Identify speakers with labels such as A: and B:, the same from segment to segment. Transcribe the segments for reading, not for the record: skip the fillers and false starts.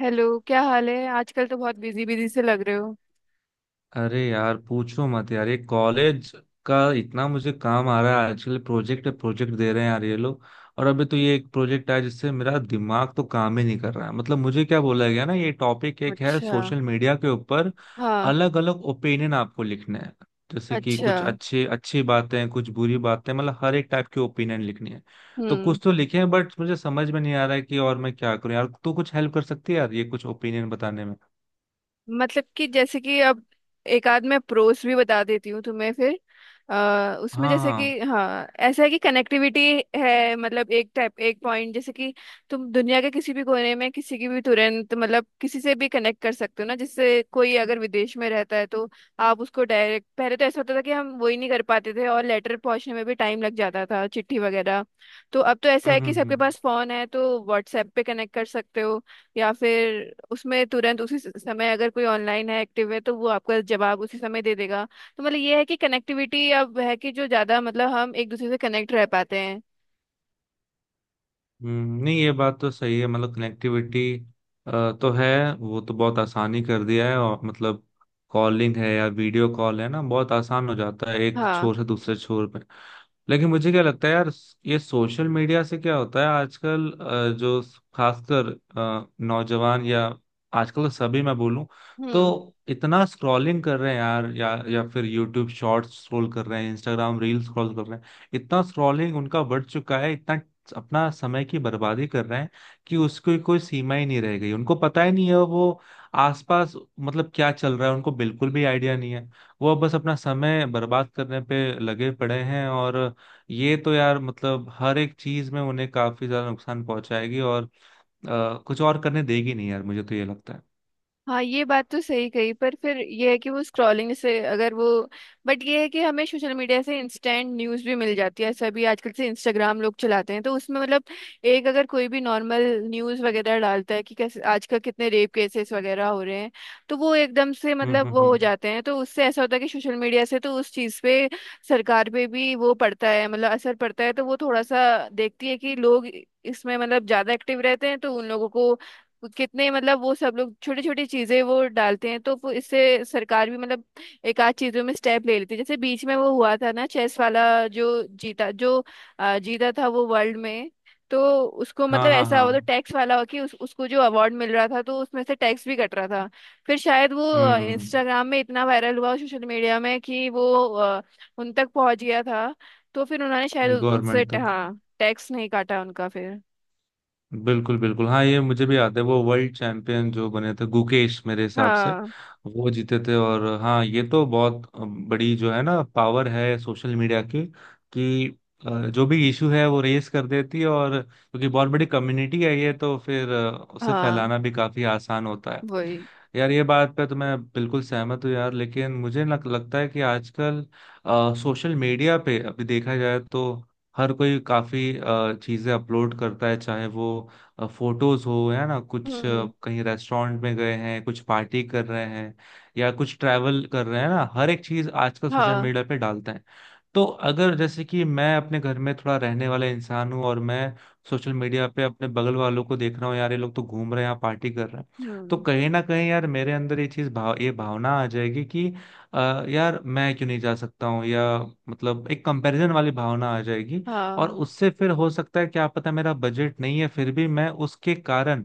A: Hello, क्या हाल है। आजकल तो बहुत बिजी बिजी से लग रहे हो।
B: अरे यार, पूछो मत यार। ये कॉलेज का इतना मुझे काम आ रहा है आजकल। प्रोजेक्ट प्रोजेक्ट दे रहे हैं यार ये लोग। और अभी तो ये एक प्रोजेक्ट आया जिससे मेरा दिमाग तो काम ही नहीं कर रहा है। मतलब मुझे क्या बोला गया ना, ये टॉपिक एक है
A: अच्छा।
B: सोशल मीडिया के ऊपर।
A: हाँ।
B: अलग अलग ओपिनियन आपको लिखने हैं। जैसे कि
A: अच्छा।
B: कुछ अच्छे अच्छी बातें कुछ बुरी बातें, मतलब हर एक टाइप के ओपिनियन लिखनी है। तो
A: हम्म।
B: कुछ तो लिखे हैं बट मुझे समझ में नहीं आ रहा है कि और मैं क्या करूं यार। तू कुछ हेल्प कर सकती है यार ये कुछ ओपिनियन बताने में?
A: मतलब कि जैसे कि अब एक आध मैं प्रोस भी बता देती हूँ तुम्हें फिर उसमें
B: हाँ
A: जैसे कि
B: हाँ।
A: हाँ ऐसा है कि कनेक्टिविटी है। मतलब एक टाइप एक पॉइंट जैसे कि तुम दुनिया के किसी भी कोने में किसी की भी तुरंत मतलब किसी से भी कनेक्ट कर सकते हो ना, जिससे कोई अगर विदेश में रहता है तो आप उसको डायरेक्ट, पहले तो ऐसा होता था कि हम वही नहीं कर पाते थे और लेटर पहुंचने में भी टाइम लग जाता था, चिट्ठी वगैरह। तो अब तो ऐसा
B: हम्म,
A: है कि
B: हम्म,
A: सबके
B: हम्म।
A: पास फोन है तो व्हाट्सएप पे कनेक्ट कर सकते हो या फिर उसमें तुरंत उसी समय अगर कोई ऑनलाइन है एक्टिव है तो वो आपका जवाब उसी समय दे देगा। तो मतलब ये है कि कनेक्टिविटी अब है कि जो ज्यादा मतलब हम एक दूसरे से कनेक्ट रह पाते हैं।
B: नहीं ये बात तो सही है। मतलब कनेक्टिविटी तो है। वो तो बहुत आसानी कर दिया है, और मतलब कॉलिंग है या वीडियो कॉल है ना, बहुत आसान हो जाता है एक
A: हाँ।
B: छोर से दूसरे छोर पे। लेकिन मुझे क्या लगता है यार, ये सोशल मीडिया से क्या होता है आजकल? जो खासकर नौजवान या आजकल तो सभी मैं बोलूं, तो
A: हम्म।
B: इतना स्क्रॉलिंग कर रहे हैं यार। या फिर यूट्यूब शॉर्ट्स स्क्रॉल कर रहे हैं, इंस्टाग्राम रील स्क्रॉल कर रहे हैं। इतना स्क्रॉलिंग उनका बढ़ चुका है, इतना अपना समय की बर्बादी कर रहे हैं कि उसकी कोई सीमा ही नहीं रह गई। उनको पता ही नहीं है वो आसपास मतलब क्या चल रहा है, उनको बिल्कुल भी आइडिया नहीं है। वो बस अपना समय बर्बाद करने पे लगे पड़े हैं। और ये तो यार मतलब हर एक चीज में उन्हें काफी ज्यादा नुकसान पहुंचाएगी, और कुछ और करने देगी नहीं यार, मुझे तो ये लगता है।
A: हाँ, ये बात तो सही कही पर फिर ये है कि वो स्क्रॉलिंग से अगर वो बट ये है कि हमें सोशल मीडिया से इंस्टेंट न्यूज़ भी मिल जाती है, ऐसा भी आजकल से इंस्टाग्राम लोग चलाते हैं तो उसमें मतलब एक अगर कोई भी नॉर्मल न्यूज़ वगैरह डालता है कि कैसे आजकल कितने रेप केसेस वगैरह हो रहे हैं तो वो एकदम से
B: हम्म,
A: मतलब
B: हम्म,
A: वो हो
B: हम्म।
A: जाते हैं। तो उससे ऐसा होता है कि सोशल मीडिया से तो उस चीज़ पे सरकार पे भी वो पड़ता है मतलब असर पड़ता है तो वो थोड़ा सा देखती है कि लोग इसमें मतलब ज़्यादा एक्टिव रहते हैं तो उन लोगों को कितने मतलब वो सब लोग छोटी छोटी चीजें वो डालते हैं तो वो इससे सरकार भी मतलब एक आध चीजों में स्टेप ले लेती है। जैसे बीच में वो हुआ था ना, चेस वाला जो जीता जो जीता था वो वर्ल्ड में। तो उसको
B: हाँ
A: मतलब
B: हाँ
A: ऐसा
B: हाँ।
A: हुआ, तो टैक्स वाला हुआ कि उसको जो अवार्ड मिल रहा था तो उसमें से टैक्स भी कट रहा था। फिर शायद वो
B: हम्म।
A: इंस्टाग्राम में इतना वायरल हुआ सोशल मीडिया में कि वो अ, उन तक पहुंच गया था। तो फिर उन्होंने शायद उनसे
B: गवर्नमेंट तक।
A: हाँ टैक्स नहीं काटा उनका फिर।
B: बिल्कुल बिल्कुल, हाँ ये मुझे भी याद है। वो वर्ल्ड चैंपियन जो बने थे, गुकेश मेरे हिसाब से,
A: हाँ
B: वो जीते थे। और हाँ, ये तो बहुत बड़ी जो है ना, पावर है सोशल मीडिया की, कि जो भी इशू है वो रेस कर देती है। और क्योंकि बहुत बड़ी कम्युनिटी है ये, तो फिर उसे
A: हाँ।
B: फैलाना भी काफी आसान होता है।
A: वही।
B: यार ये बात पे तो मैं बिल्कुल सहमत हूँ यार। लेकिन मुझे लगता है कि आजकल सोशल मीडिया पे अभी देखा जाए तो हर कोई काफी चीजें अपलोड करता है, चाहे वो फोटोज हो, है ना, कुछ
A: हम्म।
B: कहीं रेस्टोरेंट में गए हैं, कुछ पार्टी कर रहे हैं या कुछ ट्रैवल कर रहे हैं ना, हर एक चीज आजकल सोशल
A: हाँ।
B: मीडिया पे डालते हैं। तो अगर जैसे कि मैं अपने घर में थोड़ा रहने वाला इंसान हूँ और मैं सोशल मीडिया पे अपने बगल वालों को देख रहा हूँ, यार ये लोग तो घूम रहे हैं पार्टी कर रहे हैं। तो
A: हम्म।
B: कहीं ना कहीं यार मेरे अंदर ये चीज भाव ये भावना आ जाएगी कि अ, यार मैं क्यों नहीं जा सकता हूँ, या मतलब एक कंपैरिजन वाली भावना आ जाएगी। और
A: हाँ
B: उससे फिर हो सकता है, क्या पता मेरा बजट नहीं है फिर भी मैं उसके कारण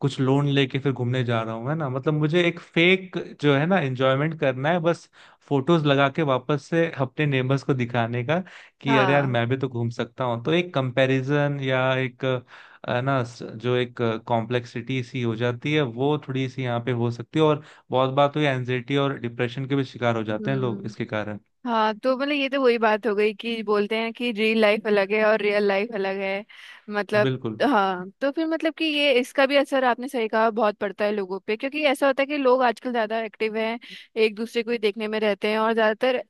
B: कुछ लोन लेके फिर घूमने जा रहा हूँ, है ना। मतलब मुझे एक फेक जो है ना एंजॉयमेंट करना है, बस फोटोज लगा के वापस से अपने नेबर्स को दिखाने का कि अरे यार
A: हाँ।
B: मैं भी तो घूम सकता हूँ। तो एक कंपैरिजन या एक जो एक कॉम्प्लेक्सिटी सी हो जाती है, वो थोड़ी सी यहाँ पे हो सकती है। और बहुत बार तो ये एनजाइटी और डिप्रेशन के भी शिकार हो जाते हैं लोग
A: हम्म।
B: इसके कारण।
A: हाँ, तो मतलब ये तो वही बात हो गई कि बोलते हैं कि रियल लाइफ अलग है और रियल लाइफ अलग है। मतलब
B: बिल्कुल।
A: हाँ, तो फिर मतलब कि ये इसका भी असर आपने सही कहा बहुत पड़ता है लोगों पे क्योंकि ऐसा होता है कि लोग आजकल ज्यादा एक्टिव हैं, एक दूसरे को ही देखने में रहते हैं। और ज्यादातर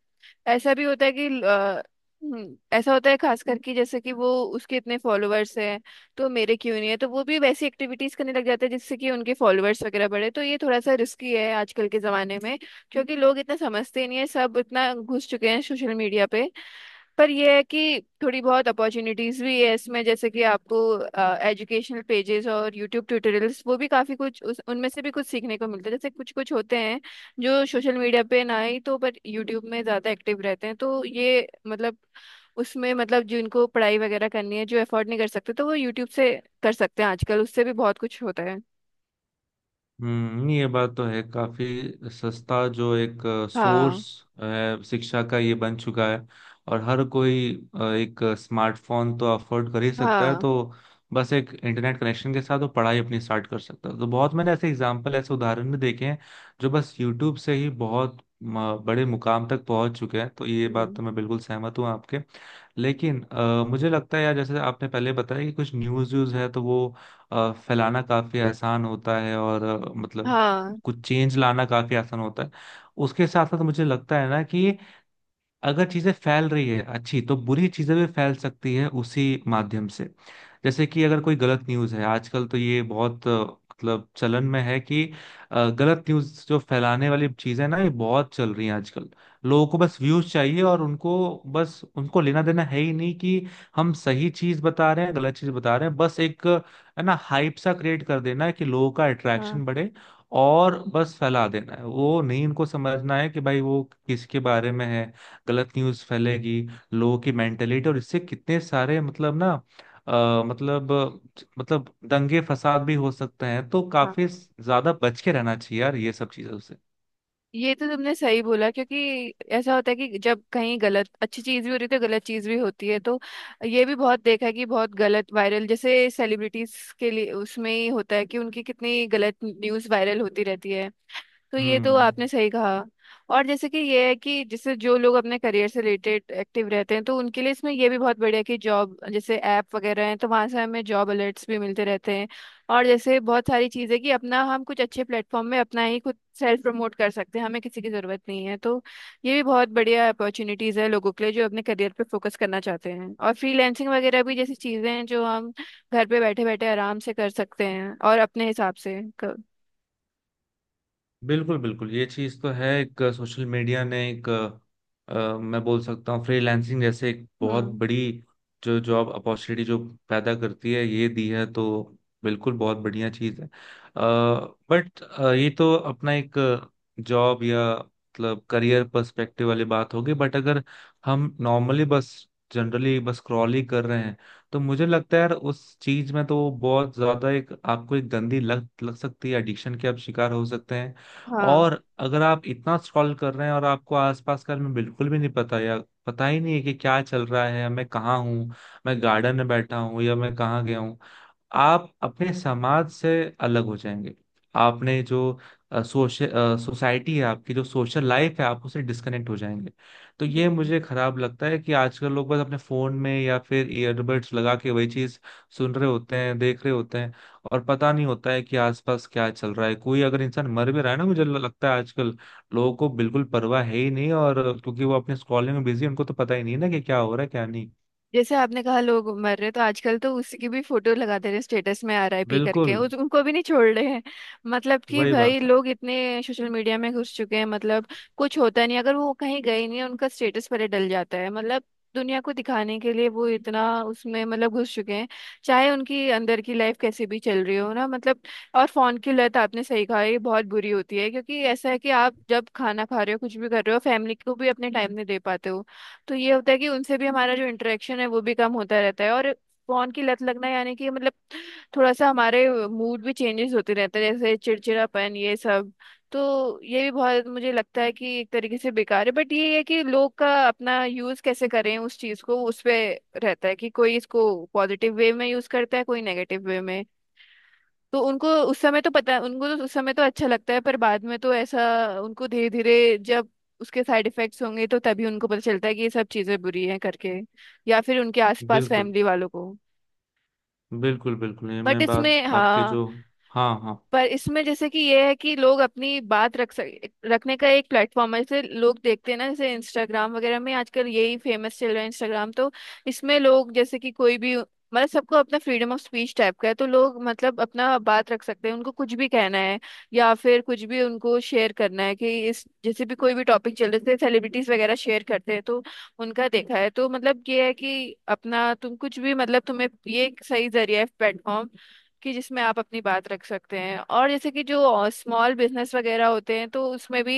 A: ऐसा भी होता है कि ऐसा होता है खास करके जैसे कि वो उसके इतने फॉलोअर्स हैं तो मेरे क्यों नहीं है, तो वो भी वैसी एक्टिविटीज करने लग जाते हैं जिससे कि उनके फॉलोअर्स वगैरह बढ़े, तो ये थोड़ा सा रिस्की है आजकल के जमाने में क्योंकि लोग इतना समझते नहीं है, सब इतना घुस चुके हैं सोशल मीडिया पे। पर यह है कि थोड़ी बहुत अपॉर्चुनिटीज भी है इसमें, जैसे कि आपको एजुकेशनल पेजेस और यूट्यूब ट्यूटोरियल्स वो भी काफी कुछ उनमें से भी कुछ सीखने को मिलता है। जैसे कुछ कुछ होते हैं जो सोशल मीडिया पे ना ही तो पर यूट्यूब में ज्यादा एक्टिव रहते हैं तो ये मतलब उसमें मतलब जिनको पढ़ाई वगैरह करनी है जो अफोर्ड नहीं कर सकते तो वो यूट्यूब से कर सकते हैं, आजकल उससे भी बहुत कुछ होता है।
B: हम्म, ये बात तो है। काफी सस्ता जो एक सोर्स
A: हाँ।
B: शिक्षा का ये बन चुका है। और हर कोई एक स्मार्टफोन तो अफोर्ड कर ही सकता है,
A: हाँ।
B: तो बस एक इंटरनेट कनेक्शन के साथ वो पढ़ाई अपनी स्टार्ट कर सकता है। तो बहुत मैंने ऐसे एग्जांपल ऐसे उदाहरण भी देखे हैं जो बस यूट्यूब से ही बहुत बड़े मुकाम तक पहुंच चुके हैं। तो ये बात
A: हम्म।
B: तो मैं बिल्कुल सहमत हूँ आपके। लेकिन मुझे लगता है यार, जैसे आपने पहले बताया कि कुछ न्यूज़ व्यूज़ है तो वो फैलाना काफी आसान होता है, और मतलब
A: हाँ।
B: कुछ चेंज लाना काफी आसान होता है। उसके साथ साथ मुझे लगता है ना कि अगर चीजें फैल रही है अच्छी, तो बुरी चीजें भी फैल सकती है उसी माध्यम से। जैसे कि अगर कोई गलत न्यूज है आजकल, तो ये बहुत मतलब चलन में है कि गलत न्यूज जो फैलाने वाली चीजें ना, ये बहुत चल रही हैं आजकल। लोगों को बस व्यूज चाहिए, और उनको बस उनको लेना देना है ही नहीं कि हम सही चीज बता रहे हैं गलत चीज बता रहे हैं। बस एक है ना हाइप सा क्रिएट कर देना है कि लोगों का
A: हाँ।
B: अट्रैक्शन बढ़े, और बस फैला देना है। वो नहीं इनको समझना है कि भाई वो किसके बारे में है। गलत न्यूज़ फैलेगी लोगों की मेंटेलिटी, और इससे कितने सारे मतलब ना, अ, मतलब मतलब दंगे फसाद भी हो सकते हैं। तो
A: हाँ,
B: काफी ज्यादा बच के रहना चाहिए यार ये सब चीजों से।
A: ये तो तुमने सही बोला क्योंकि ऐसा होता है कि जब कहीं गलत अच्छी चीज भी हो रही है तो गलत चीज भी होती है, तो ये भी बहुत देखा है कि बहुत गलत वायरल जैसे सेलिब्रिटीज के लिए उसमें ही होता है कि उनकी कितनी गलत न्यूज वायरल होती रहती है। तो ये तो
B: हम्म।
A: आपने सही कहा। और जैसे कि ये है कि जैसे जो लोग अपने करियर से रिलेटेड एक्टिव रहते हैं तो उनके लिए इसमें ये भी बहुत बढ़िया है कि जॉब जैसे ऐप वगैरह हैं तो वहाँ से हमें जॉब अलर्ट्स भी मिलते रहते हैं। और जैसे बहुत सारी चीज़ें कि अपना हम कुछ अच्छे प्लेटफॉर्म में अपना ही खुद सेल्फ प्रमोट कर सकते हैं, हमें किसी की ज़रूरत नहीं है। तो ये भी बहुत बढ़िया अपॉर्चुनिटीज़ है लोगों के लिए जो अपने करियर पे फोकस करना चाहते हैं, और फ्रीलैंसिंग वगैरह भी जैसी चीज़ें हैं जो हम घर पे बैठे बैठे आराम से कर सकते हैं और अपने हिसाब से कर।
B: बिल्कुल बिल्कुल, ये चीज तो है। एक सोशल मीडिया ने एक मैं बोल सकता हूँ फ्रीलांसिंग जैसे एक बहुत
A: हम्म।
B: बड़ी जो जॉब अपॉर्चुनिटी जो पैदा करती है, ये दी है। तो बिल्कुल बहुत बढ़िया चीज है। बट ये तो अपना एक जॉब या मतलब करियर पर्सपेक्टिव वाली बात होगी। बट अगर हम नॉर्मली बस जनरली बस स्क्रॉल ही कर रहे हैं, तो मुझे लगता है यार उस चीज में तो बहुत ज्यादा एक आपको एक गंदी लत लग सकती है, एडिक्शन के आप शिकार हो सकते हैं।
A: हाँ।
B: और अगर आप इतना स्क्रॉल कर रहे हैं और आपको आसपास का में बिल्कुल भी नहीं पता, या पता ही नहीं है कि क्या चल रहा है, मैं कहाँ हूँ, मैं गार्डन में बैठा हूँ या मैं कहाँ गया हूँ। आप अपने समाज से अलग हो जाएंगे। आपने जो सोशल सोसाइटी है आपकी, जो सोशल लाइफ है, आप उससे डिस्कनेक्ट हो जाएंगे। तो ये
A: हम्म।
B: मुझे खराब लगता है कि आजकल लोग बस अपने फोन में या फिर ईयरबड्स लगा के वही चीज सुन रहे होते हैं, देख रहे होते हैं, और पता नहीं होता है कि आसपास क्या चल रहा है। कोई अगर इंसान मर भी रहा है ना, मुझे लगता है आजकल लोगों को बिल्कुल परवाह है ही नहीं, और क्योंकि वो अपने स्क्रॉलिंग में बिजी है, उनको तो पता ही नहीं है ना कि क्या हो रहा है क्या नहीं।
A: जैसे आपने कहा लोग मर रहे, तो आजकल तो उसी की भी फोटो लगा दे रहे हैं स्टेटस में आरआईपी करके,
B: बिल्कुल।
A: उनको भी नहीं छोड़ रहे हैं। मतलब कि
B: वही
A: भाई
B: बात है।
A: लोग इतने सोशल मीडिया में घुस चुके हैं, मतलब कुछ होता नहीं, अगर वो कहीं गए नहीं उनका स्टेटस पर ही डल जाता है। मतलब दुनिया को दिखाने के लिए वो इतना उसमें मतलब घुस चुके हैं, चाहे उनकी अंदर की लाइफ कैसे भी चल रही हो ना मतलब। और फोन की लत, आपने सही कहा, ये बहुत बुरी होती है क्योंकि ऐसा है कि आप जब खाना खा रहे हो कुछ भी कर रहे हो, फैमिली को भी अपने टाइम नहीं दे पाते हो। तो ये होता है कि उनसे भी हमारा जो इंटरेक्शन है वो भी कम होता रहता है। और फोन की लत लगना यानी कि मतलब थोड़ा सा हमारे मूड भी चेंजेस होते रहते हैं जैसे चिड़चिड़ापन ये सब। तो ये भी बहुत मुझे लगता है कि एक तरीके से बेकार है, बट ये है कि लोग का अपना यूज कैसे करें उस चीज को, उस पे रहता है कि कोई इसको पॉजिटिव वे में यूज करता है कोई नेगेटिव वे में। तो उनको उस समय तो पता, उनको तो उस समय तो अच्छा लगता है पर बाद में तो ऐसा उनको धीरे धीरे जब उसके साइड इफेक्ट्स होंगे तो तभी उनको पता चलता है कि ये सब चीजें बुरी हैं करके, या फिर उनके आसपास
B: बिल्कुल
A: फैमिली वालों को।
B: बिल्कुल, बिल्कुल ये
A: बट
B: मैं बात
A: इसमें
B: आपके
A: हाँ,
B: जो। हाँ हाँ।
A: पर इसमें जैसे कि ये है कि लोग अपनी बात रख सक रखने का एक प्लेटफॉर्म है, जैसे लोग देखते हैं ना जैसे इंस्टाग्राम वगैरह में आजकल यही फेमस चल रहा है इंस्टाग्राम। तो इसमें लोग जैसे कि कोई भी मतलब सबको अपना फ्रीडम ऑफ स्पीच टाइप का है तो लोग मतलब अपना बात रख सकते हैं, उनको कुछ भी कहना है या फिर कुछ भी उनको शेयर करना है कि इस जैसे भी कोई भी टॉपिक चल रहे थे सेलिब्रिटीज वगैरह शेयर करते हैं तो उनका देखा है। तो मतलब ये है कि अपना तुम कुछ भी, मतलब तुम्हें ये एक सही जरिया है प्लेटफॉर्म कि जिसमें आप अपनी बात रख सकते हैं। और जैसे कि जो स्मॉल बिजनेस वगैरह होते हैं तो उसमें भी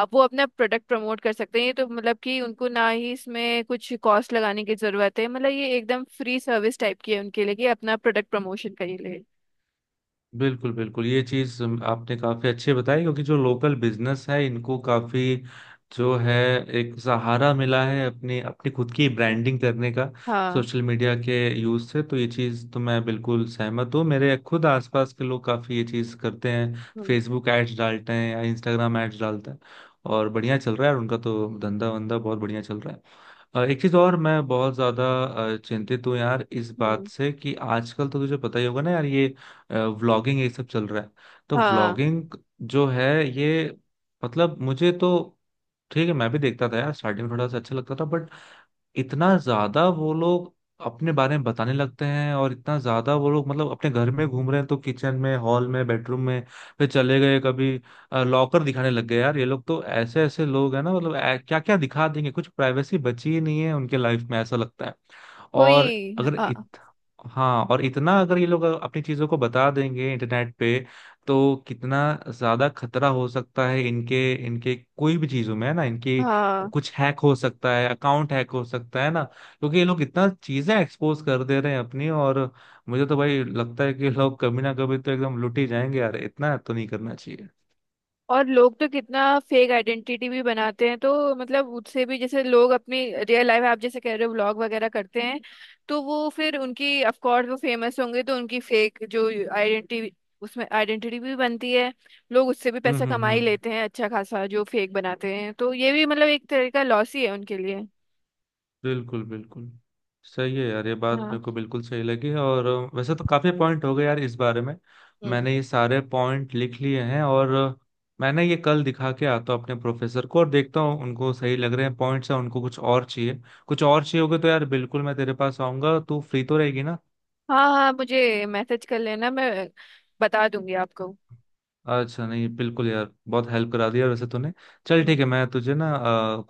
A: आप वो अपना प्रोडक्ट प्रमोट कर सकते हैं, ये तो मतलब कि उनको ना ही इसमें कुछ कॉस्ट लगाने की जरूरत है, मतलब ये एकदम फ्री सर्विस टाइप की है उनके लिए कि अपना प्रोडक्ट प्रमोशन करिए लिए।
B: बिल्कुल बिल्कुल, ये चीज आपने काफी अच्छी बताई, क्योंकि जो लोकल बिजनेस है इनको काफी जो है एक सहारा मिला है अपनी अपनी खुद की ब्रांडिंग करने का,
A: हाँ।
B: सोशल मीडिया के यूज से। तो ये चीज तो मैं बिल्कुल सहमत हूँ, मेरे खुद आसपास के लोग काफी ये चीज करते हैं।
A: हम्म।
B: फेसबुक एड्स डालते हैं या इंस्टाग्राम एड्स डालते हैं, और बढ़िया चल रहा है, और उनका तो धंधा वंदा बहुत बढ़िया चल रहा है। एक चीज और मैं बहुत ज्यादा चिंतित हूँ यार इस बात
A: हम्म।
B: से, कि आजकल तो तुझे पता ही होगा ना यार, ये व्लॉगिंग ये सब चल रहा है। तो
A: हाँ।
B: व्लॉगिंग जो है ये, मतलब मुझे तो ठीक है, मैं भी देखता था यार स्टार्टिंग में, थोड़ा सा अच्छा लगता था। बट इतना ज्यादा वो लोग अपने बारे में बताने लगते हैं, और इतना ज्यादा वो लोग मतलब अपने घर में घूम रहे हैं तो किचन में, हॉल में, बेडरूम में, फिर चले गए कभी लॉकर दिखाने लग गए। यार ये लोग तो ऐसे ऐसे लोग हैं ना, मतलब क्या क्या दिखा देंगे, कुछ प्राइवेसी बची ही नहीं है उनके लाइफ में ऐसा लगता है। और
A: वही।
B: अगर
A: हाँ।
B: इत, हाँ, और इतना अगर ये लोग अपनी चीजों को बता देंगे इंटरनेट पे, तो कितना ज्यादा खतरा हो सकता है इनके इनके कोई भी चीजों में, है ना। इनकी
A: हाँ,
B: कुछ हैक हो सकता है, अकाउंट हैक हो सकता है ना, क्योंकि ये लोग इतना चीजें एक्सपोज कर दे रहे हैं अपनी। और मुझे तो भाई लगता है कि ये लोग कभी ना कभी तो एकदम लुट ही जाएंगे यार, इतना तो नहीं करना चाहिए।
A: और लोग तो कितना फेक आइडेंटिटी भी बनाते हैं तो मतलब उससे भी जैसे लोग अपनी रियल लाइफ आप जैसे कह रहे हो व्लॉग वगैरह करते हैं, तो वो फिर उनकी ऑफ कोर्स वो फेमस होंगे तो उनकी फेक जो आइडेंटिटी, उसमें आइडेंटिटी भी बनती है। लोग उससे भी
B: हम्म,
A: पैसा
B: हम्म,
A: कमा ही
B: हम्म।
A: लेते हैं अच्छा खासा, जो फेक बनाते हैं, तो ये भी मतलब एक तरह का लॉस ही है उनके लिए।
B: बिल्कुल बिल्कुल। सही है यार, ये बात मेरे
A: हाँ।
B: को बिल्कुल सही लगी है। और वैसे तो काफी पॉइंट हो गए यार इस बारे में।
A: हम्म।
B: मैंने ये सारे पॉइंट लिख लिए हैं, और मैंने ये कल दिखा के आता हूँ अपने प्रोफेसर को, और देखता हूँ उनको सही लग रहे हैं पॉइंट्स हैं, उनको कुछ और चाहिए। कुछ और चाहिए होगा तो यार बिल्कुल मैं तेरे पास आऊंगा, तू फ्री तो रहेगी ना?
A: हाँ। हाँ मुझे मैसेज कर लेना, मैं बता दूंगी आपको।
B: अच्छा नहीं, बिल्कुल यार, बहुत हेल्प करा दिया वैसे तूने। चल
A: हम्म।
B: ठीक है, मैं तुझे ना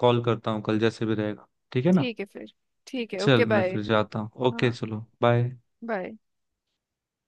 B: कॉल करता हूँ कल, जैसे भी रहेगा, ठीक है ना?
A: ठीक है फिर। ठीक है। ओके
B: चल मैं
A: बाय।
B: फिर जाता हूँ, ओके
A: हाँ।
B: चलो बाय।
A: बाय।